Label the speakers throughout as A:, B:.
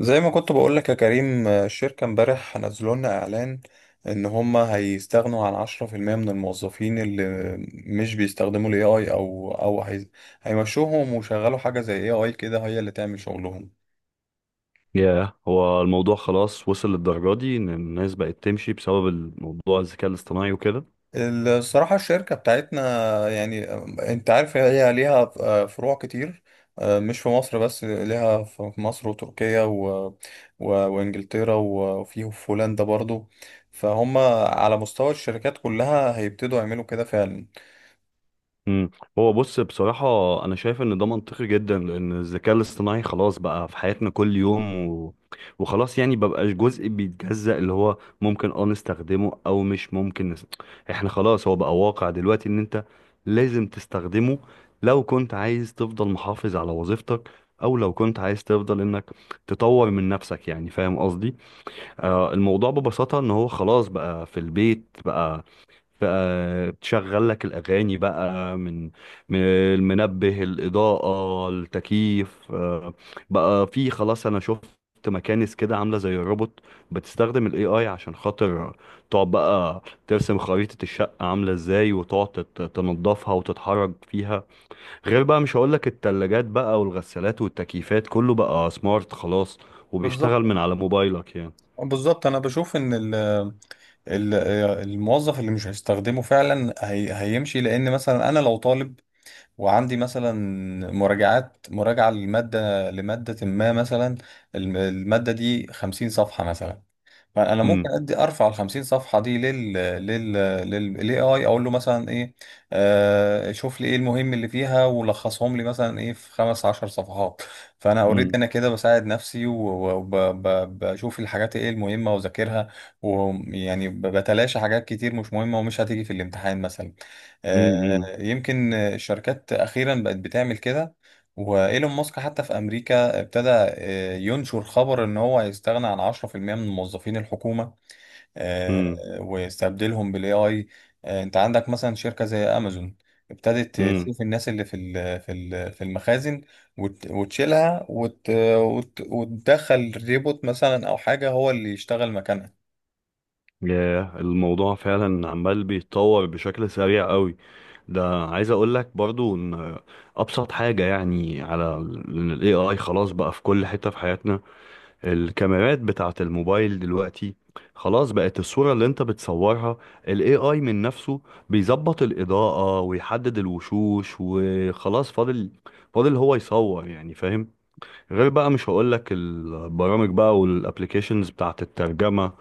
A: زي ما كنت بقول لك يا كريم الشركة امبارح نزلوا لنا إعلان إن هما هيستغنوا عن 10% من الموظفين اللي مش بيستخدموا ال AI أو هيمشوهم ويشغلوا حاجة زي AI كده هي اللي تعمل شغلهم.
B: ياه، هو الموضوع خلاص وصل للدرجة دي إن الناس بقت تمشي بسبب الموضوع الذكاء الاصطناعي وكده.
A: الصراحة الشركة بتاعتنا يعني انت عارف هي ليها فروع كتير، مش في مصر بس، ليها في مصر وتركيا و وانجلترا وفيه في هولندا برضو، فهم على مستوى الشركات كلها هيبتدوا يعملوا كده فعلا.
B: مم. هو بص بصراحة، أنا شايف إن ده منطقي جدا لأن الذكاء الاصطناعي خلاص بقى في حياتنا كل يوم. وخلاص يعني مبقاش جزء بيتجزأ اللي هو ممكن نستخدمه أو مش ممكن. إحنا خلاص، هو بقى واقع دلوقتي إن أنت لازم تستخدمه، لو كنت عايز تفضل محافظ على وظيفتك، أو لو كنت عايز تفضل إنك تطور من نفسك. يعني فاهم قصدي؟ الموضوع ببساطة ان هو خلاص بقى في البيت. بقى بتشغل لك الأغاني بقى من المنبه، الإضاءة، التكييف. بقى في خلاص، أنا شفت مكانس كده عاملة زي الروبوت، بتستخدم ال AI عشان خاطر تقعد بقى ترسم خريطة الشقة عاملة ازاي، وتقعد تنضفها وتتحرك فيها. غير بقى مش هقولك التلاجات بقى والغسالات والتكييفات، كله بقى سمارت خلاص
A: بالظبط،
B: وبيشتغل من على موبايلك يعني.
A: بالظبط انا بشوف ان ال- الموظف اللي مش هيستخدمه فعلا هي هيمشي، لان مثلا انا لو طالب وعندي مثلا مراجعة لمادة ما مثلا، المادة دي 50 صفحة مثلا، فانا
B: مم.
A: ممكن ارفع ال 50 صفحه دي لل لل لل للاي اي، اقول له مثلا ايه، آه شوف لي ايه المهم اللي فيها ولخصهم لي مثلا ايه في 15 صفحة. فانا اوريدي
B: امم.
A: انا كده بساعد نفسي وبشوف الحاجات ايه المهمه واذاكرها، ويعني بتلاشى حاجات كتير مش مهمه ومش هتيجي في الامتحان مثلا. آه،
B: امم.
A: يمكن الشركات اخيرا بقت بتعمل كده، وايلون ماسك حتى في امريكا ابتدى ينشر خبر ان هو هيستغنى عن 10% من موظفين الحكومة. آه،
B: امم.
A: ويستبدلهم بالاي اي. انت عندك مثلا شركة زي امازون ابتدت
B: امم.
A: تشوف الناس اللي في المخازن وتشيلها وتدخل ريبوت مثلا او حاجة هو اللي يشتغل مكانها.
B: ياه، الموضوع فعلا عمال بيتطور بشكل سريع قوي. ده عايز اقول لك برضو ان ابسط حاجة يعني، على ال AI خلاص بقى في كل حتة في حياتنا. الكاميرات بتاعة الموبايل دلوقتي خلاص بقت الصورة اللي انت بتصورها، ال AI من نفسه بيظبط الإضاءة ويحدد الوشوش، وخلاص فاضل هو يصور. يعني فاهم. غير بقى مش هقولك البرامج بقى والابليكيشنز بتاعت الترجمة،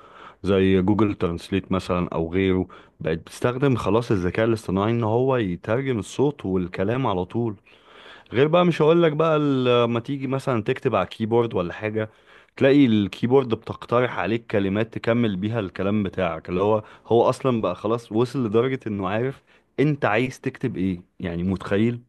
B: زي جوجل ترانسليت مثلا او غيره، بقت بتستخدم خلاص الذكاء الاصطناعي ان هو يترجم الصوت والكلام على طول. غير بقى مش هقولك بقى لما تيجي مثلا تكتب على كيبورد ولا حاجة، تلاقي الكيبورد بتقترح عليك كلمات تكمل بيها الكلام بتاعك، اللي هو هو اصلا بقى خلاص وصل لدرجة انه عارف انت عايز تكتب ايه. يعني متخيل.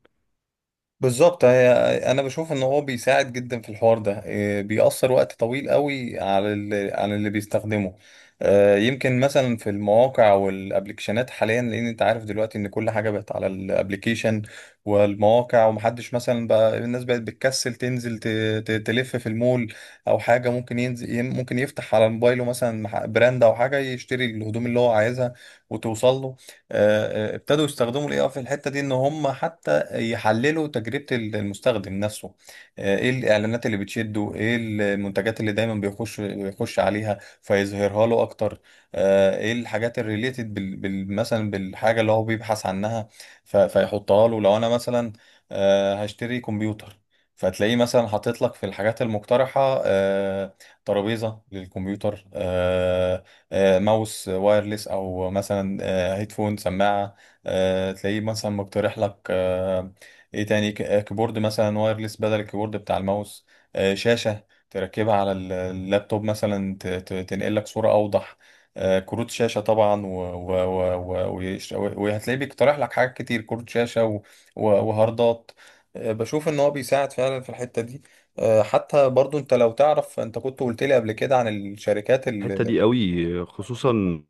A: بالظبط، هي انا بشوف ان هو بيساعد جدا في الحوار ده، بيأثر وقت طويل قوي على اللي بيستخدمه. يمكن مثلا في المواقع والابلكيشنات حاليا، لان انت عارف دلوقتي ان كل حاجه بقت على الابلكيشن والمواقع، ومحدش مثلا، بقى الناس بقت بتكسل تنزل تلف في المول او حاجه، ممكن ينزل ممكن يفتح على موبايله مثلا براند او حاجه يشتري الهدوم اللي هو عايزها وتوصل له. ابتدوا يستخدموا الاي اي في الحته دي ان هم حتى يحللوا تجربة المستخدم نفسه. ايه الاعلانات اللي بتشده، ايه المنتجات اللي دايما بيخش عليها فيظهرها له اكتر. ايه الحاجات الريليتد مثلا بالحاجة اللي هو بيبحث عنها، فيحطها له. لو انا مثلا هشتري كمبيوتر، فتلاقيه مثلا حاطط لك في الحاجات المقترحة ترابيزة للكمبيوتر، ماوس وايرلس، او مثلا هيدفون سماعة، تلاقيه مثلا مقترح لك ايه تاني، كيبورد مثلا وايرلس بدل الكيبورد بتاع الماوس، شاشة تركبها على اللابتوب مثلا تنقل لك صورة أوضح، كروت شاشة طبعا، و- وهتلاقيه بيقترح لك حاجات كتير، كروت شاشة و وهاردات بشوف ان هو بيساعد فعلا في الحتة دي. حتى برضو انت لو تعرف، انت كنت قلت لي قبل كده عن الشركات،
B: الحتة دي قوي خصوصا.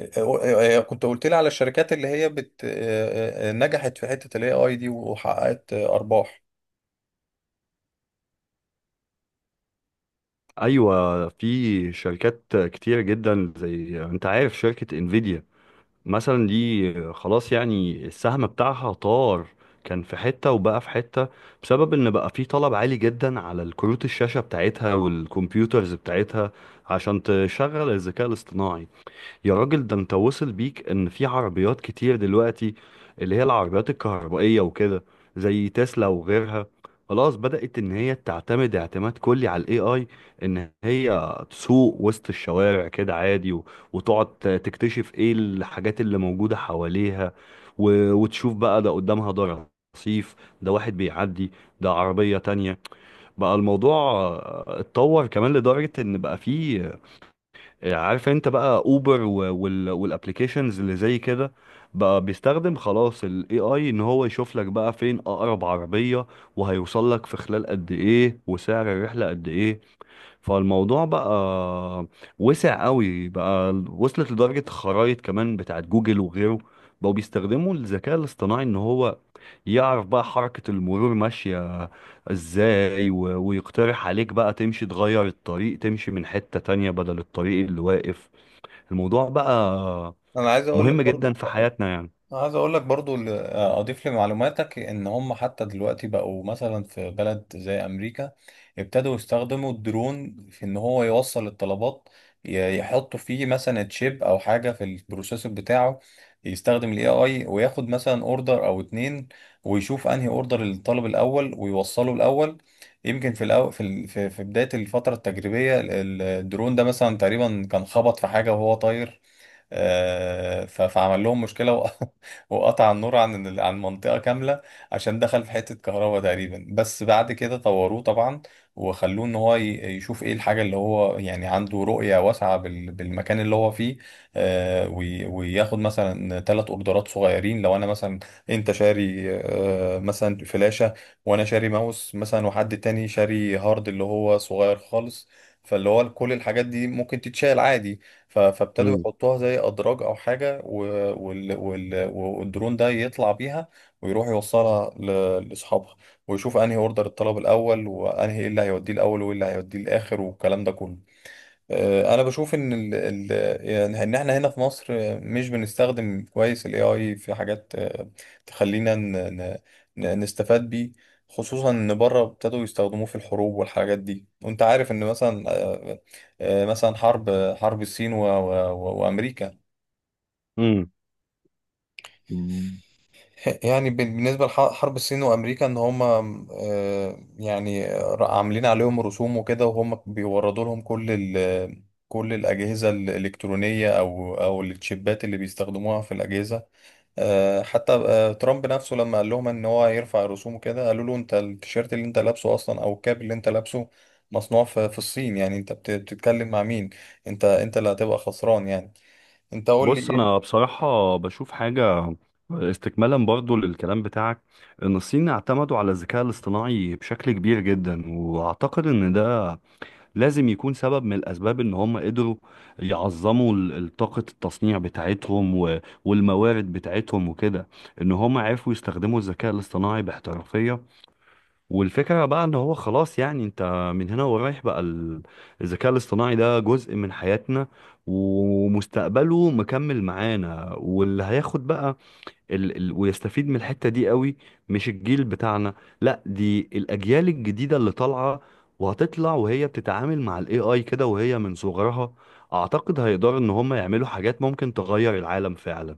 A: كنت قلت لي على الشركات اللي هي بت آه، آه، آه، نجحت في حتة الاي اي دي وحققت ارباح.
B: ايوه، في شركات كتيره جدا، زي انت عارف شركه انفيديا مثلا، دي خلاص يعني السهم بتاعها طار. كان في حته وبقى في حته، بسبب ان بقى في طلب عالي جدا على الكروت الشاشه بتاعتها والكمبيوترز بتاعتها عشان تشغل الذكاء الاصطناعي. يا راجل، ده انت وصل بيك ان في عربيات كتير دلوقتي، اللي هي العربيات الكهربائية وكده، زي تسلا وغيرها، خلاص بدأت ان هي تعتمد اعتماد كلي على الاي اي، ان هي تسوق وسط الشوارع كده عادي، وتقعد تكتشف ايه الحاجات اللي موجودة حواليها، وتشوف بقى ده قدامها. ده رصيف، ده واحد بيعدي، ده عربية تانية. بقى الموضوع اتطور كمان لدرجة ان بقى فيه. عارف، انت بقى اوبر والابلكيشنز اللي زي كده، بقى بيستخدم خلاص الاي اي ان هو يشوف لك بقى فين اقرب عربية، وهيوصل لك في خلال قد ايه وسعر الرحلة قد ايه. فالموضوع بقى وسع قوي، بقى وصلت لدرجة خرائط كمان بتاعت جوجل وغيره بقوا بيستخدموا الذكاء الاصطناعي ان هو يعرف بقى حركة المرور ماشية ازاي، ويقترح عليك بقى تمشي تغير الطريق، تمشي من حتة تانية بدل الطريق اللي واقف. الموضوع بقى
A: انا عايز اقول لك
B: مهم جدا
A: برضو،
B: في حياتنا يعني.
A: عايز اقول لك برضو اضيف لمعلوماتك ان هم حتى دلوقتي بقوا مثلا في بلد زي امريكا ابتدوا يستخدموا الدرون في ان هو يوصل الطلبات. يحطوا فيه مثلا تشيب او حاجه في البروسيسور بتاعه، يستخدم الاي اي وياخد مثلا اوردر او 2، ويشوف انهي اوردر للطالب الاول ويوصله الاول. يمكن في في بدايه الفتره التجريبيه الدرون ده مثلا تقريبا كان خبط في حاجه وهو طاير، فعمل لهم مشكلة وقطع النور عن عن منطقة كاملة عشان دخل في حتة كهرباء تقريبا. بس بعد كده طوروه طبعا، وخلوه ان هو يشوف ايه الحاجة اللي هو يعني عنده رؤية واسعة بالمكان اللي هو فيه. وياخد مثلا 3 اوردرات صغيرين، لو انا مثلا، انت شاري مثلا فلاشة وانا شاري ماوس مثلا وحد تاني شاري هارد اللي هو صغير خالص، فاللي هو كل الحاجات دي ممكن تتشال عادي. فابتدوا
B: امم.
A: يحطوها زي أدراج أو حاجة، والدرون ده يطلع بيها ويروح يوصلها لأصحابها، ويشوف أنهي أوردر الطلب الأول وأنهي إيه اللي هيوديه الأول وإيه اللي هيوديه الآخر والكلام ده كله. انا بشوف ان ال ال يعني ان احنا هنا في مصر مش بنستخدم كويس الاي اي في حاجات تخلينا نستفاد بيه، خصوصا ان بره ابتدوا يستخدموه في الحروب والحاجات دي. وانت عارف ان مثلا مثلا حرب الصين و وامريكا
B: امم.
A: بالنسبة لحرب الصين وأمريكا، إن هما م، آه، يعني ر- عاملين عليهم رسوم وكده وهم بيوردوا لهم كل الأجهزة الإلكترونية أو التشيبات اللي بيستخدموها في الأجهزة. آه، حتى آه، ترامب نفسه لما قال لهم إن هو يرفع الرسوم وكده، قالوا له أنت التيشيرت اللي أنت لابسه أصلا، أو الكاب اللي أنت لابسه، مصنوع في الصين، يعني أنت بتتكلم مع مين؟ أنت اللي هتبقى خسران يعني، أنت قول لي
B: بص، انا
A: إيه.
B: بصراحة بشوف حاجة، استكمالا برضو للكلام بتاعك، ان الصين اعتمدوا على الذكاء الاصطناعي بشكل كبير جدا، واعتقد ان ده لازم يكون سبب من الاسباب ان هم قدروا يعظموا طاقة التصنيع بتاعتهم والموارد بتاعتهم وكده، ان هم عرفوا يستخدموا الذكاء الاصطناعي باحترافية. والفكرة بقى ان هو خلاص يعني انت من هنا ورايح، بقى الذكاء الاصطناعي ده جزء من حياتنا، ومستقبله مكمل معانا. واللي هياخد بقى ال ال ويستفيد من الحتة دي قوي، مش الجيل بتاعنا، لا، دي الاجيال الجديدة اللي طالعة وهتطلع وهي بتتعامل مع الاي اي كده وهي من صغرها. اعتقد هيقدروا ان هم يعملوا حاجات ممكن تغير العالم فعلا.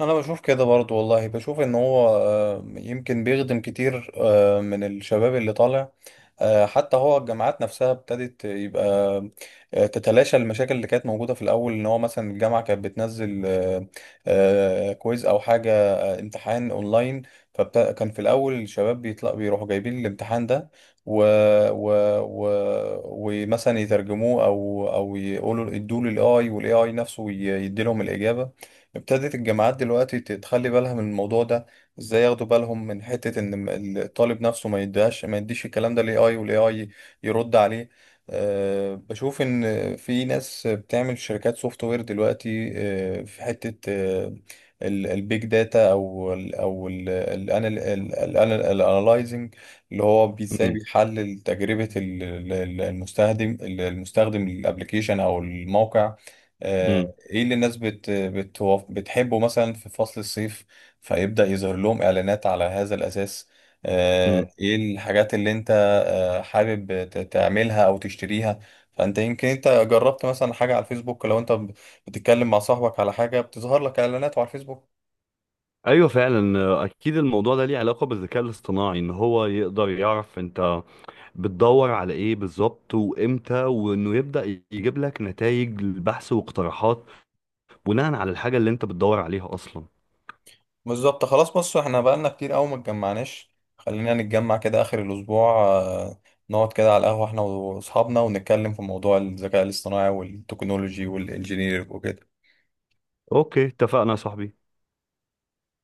A: انا بشوف كده برضو والله، بشوف ان هو يمكن بيخدم كتير من الشباب اللي طالع. حتى هو الجامعات نفسها ابتدت يبقى تتلاشى المشاكل اللي كانت موجودة في الاول. ان هو مثلا الجامعة كانت بتنزل كويز او حاجة امتحان اونلاين، فكان في الاول الشباب بيطلع بيروحوا جايبين الامتحان ده و... و... و... ومثلا يترجموه او يقولوا ادوه للاي، والاي اي نفسه يدي لهم الاجابة. ابتدت الجامعات دلوقتي تخلي بالها من الموضوع ده، ازاي ياخدوا بالهم من حتة ان الطالب نفسه ما يديهاش، ما يديش الكلام ده للاي اي والاي اي يرد عليه. أه بشوف ان في ناس بتعمل شركات سوفت وير دلوقتي، أه في حتة أه البيج داتا او الانالايزنج، اللي هو ازاي بيحلل تجربة المستخدم، المستخدم الابلكيشن او الموقع. آه، ايه اللي الناس بتحبه مثلا في فصل الصيف، فيبدأ يظهر لهم اعلانات على هذا الاساس.
B: امم.
A: ايه الحاجات اللي انت حابب تعملها او تشتريها، فانت يمكن انت جربت مثلا حاجة على الفيسبوك، لو انت بتتكلم مع صاحبك على حاجة بتظهر لك اعلانات على الفيسبوك.
B: ايوه فعلا، اكيد الموضوع ده ليه علاقه بالذكاء الاصطناعي، ان هو يقدر يعرف انت بتدور على ايه بالظبط وامتى، وانه يبدا يجيب لك نتائج البحث واقتراحات بناء على الحاجه اللي انت بتدور عليها اصلا.
A: بالظبط. خلاص بص، احنا بقالنا كتير قوي ما اتجمعناش، خلينا نتجمع كده اخر الاسبوع، نقعد كده على القهوة احنا واصحابنا ونتكلم في موضوع الذكاء الاصطناعي والتكنولوجي والانجينير وكده.
B: اوكي، اتفقنا يا صاحبي.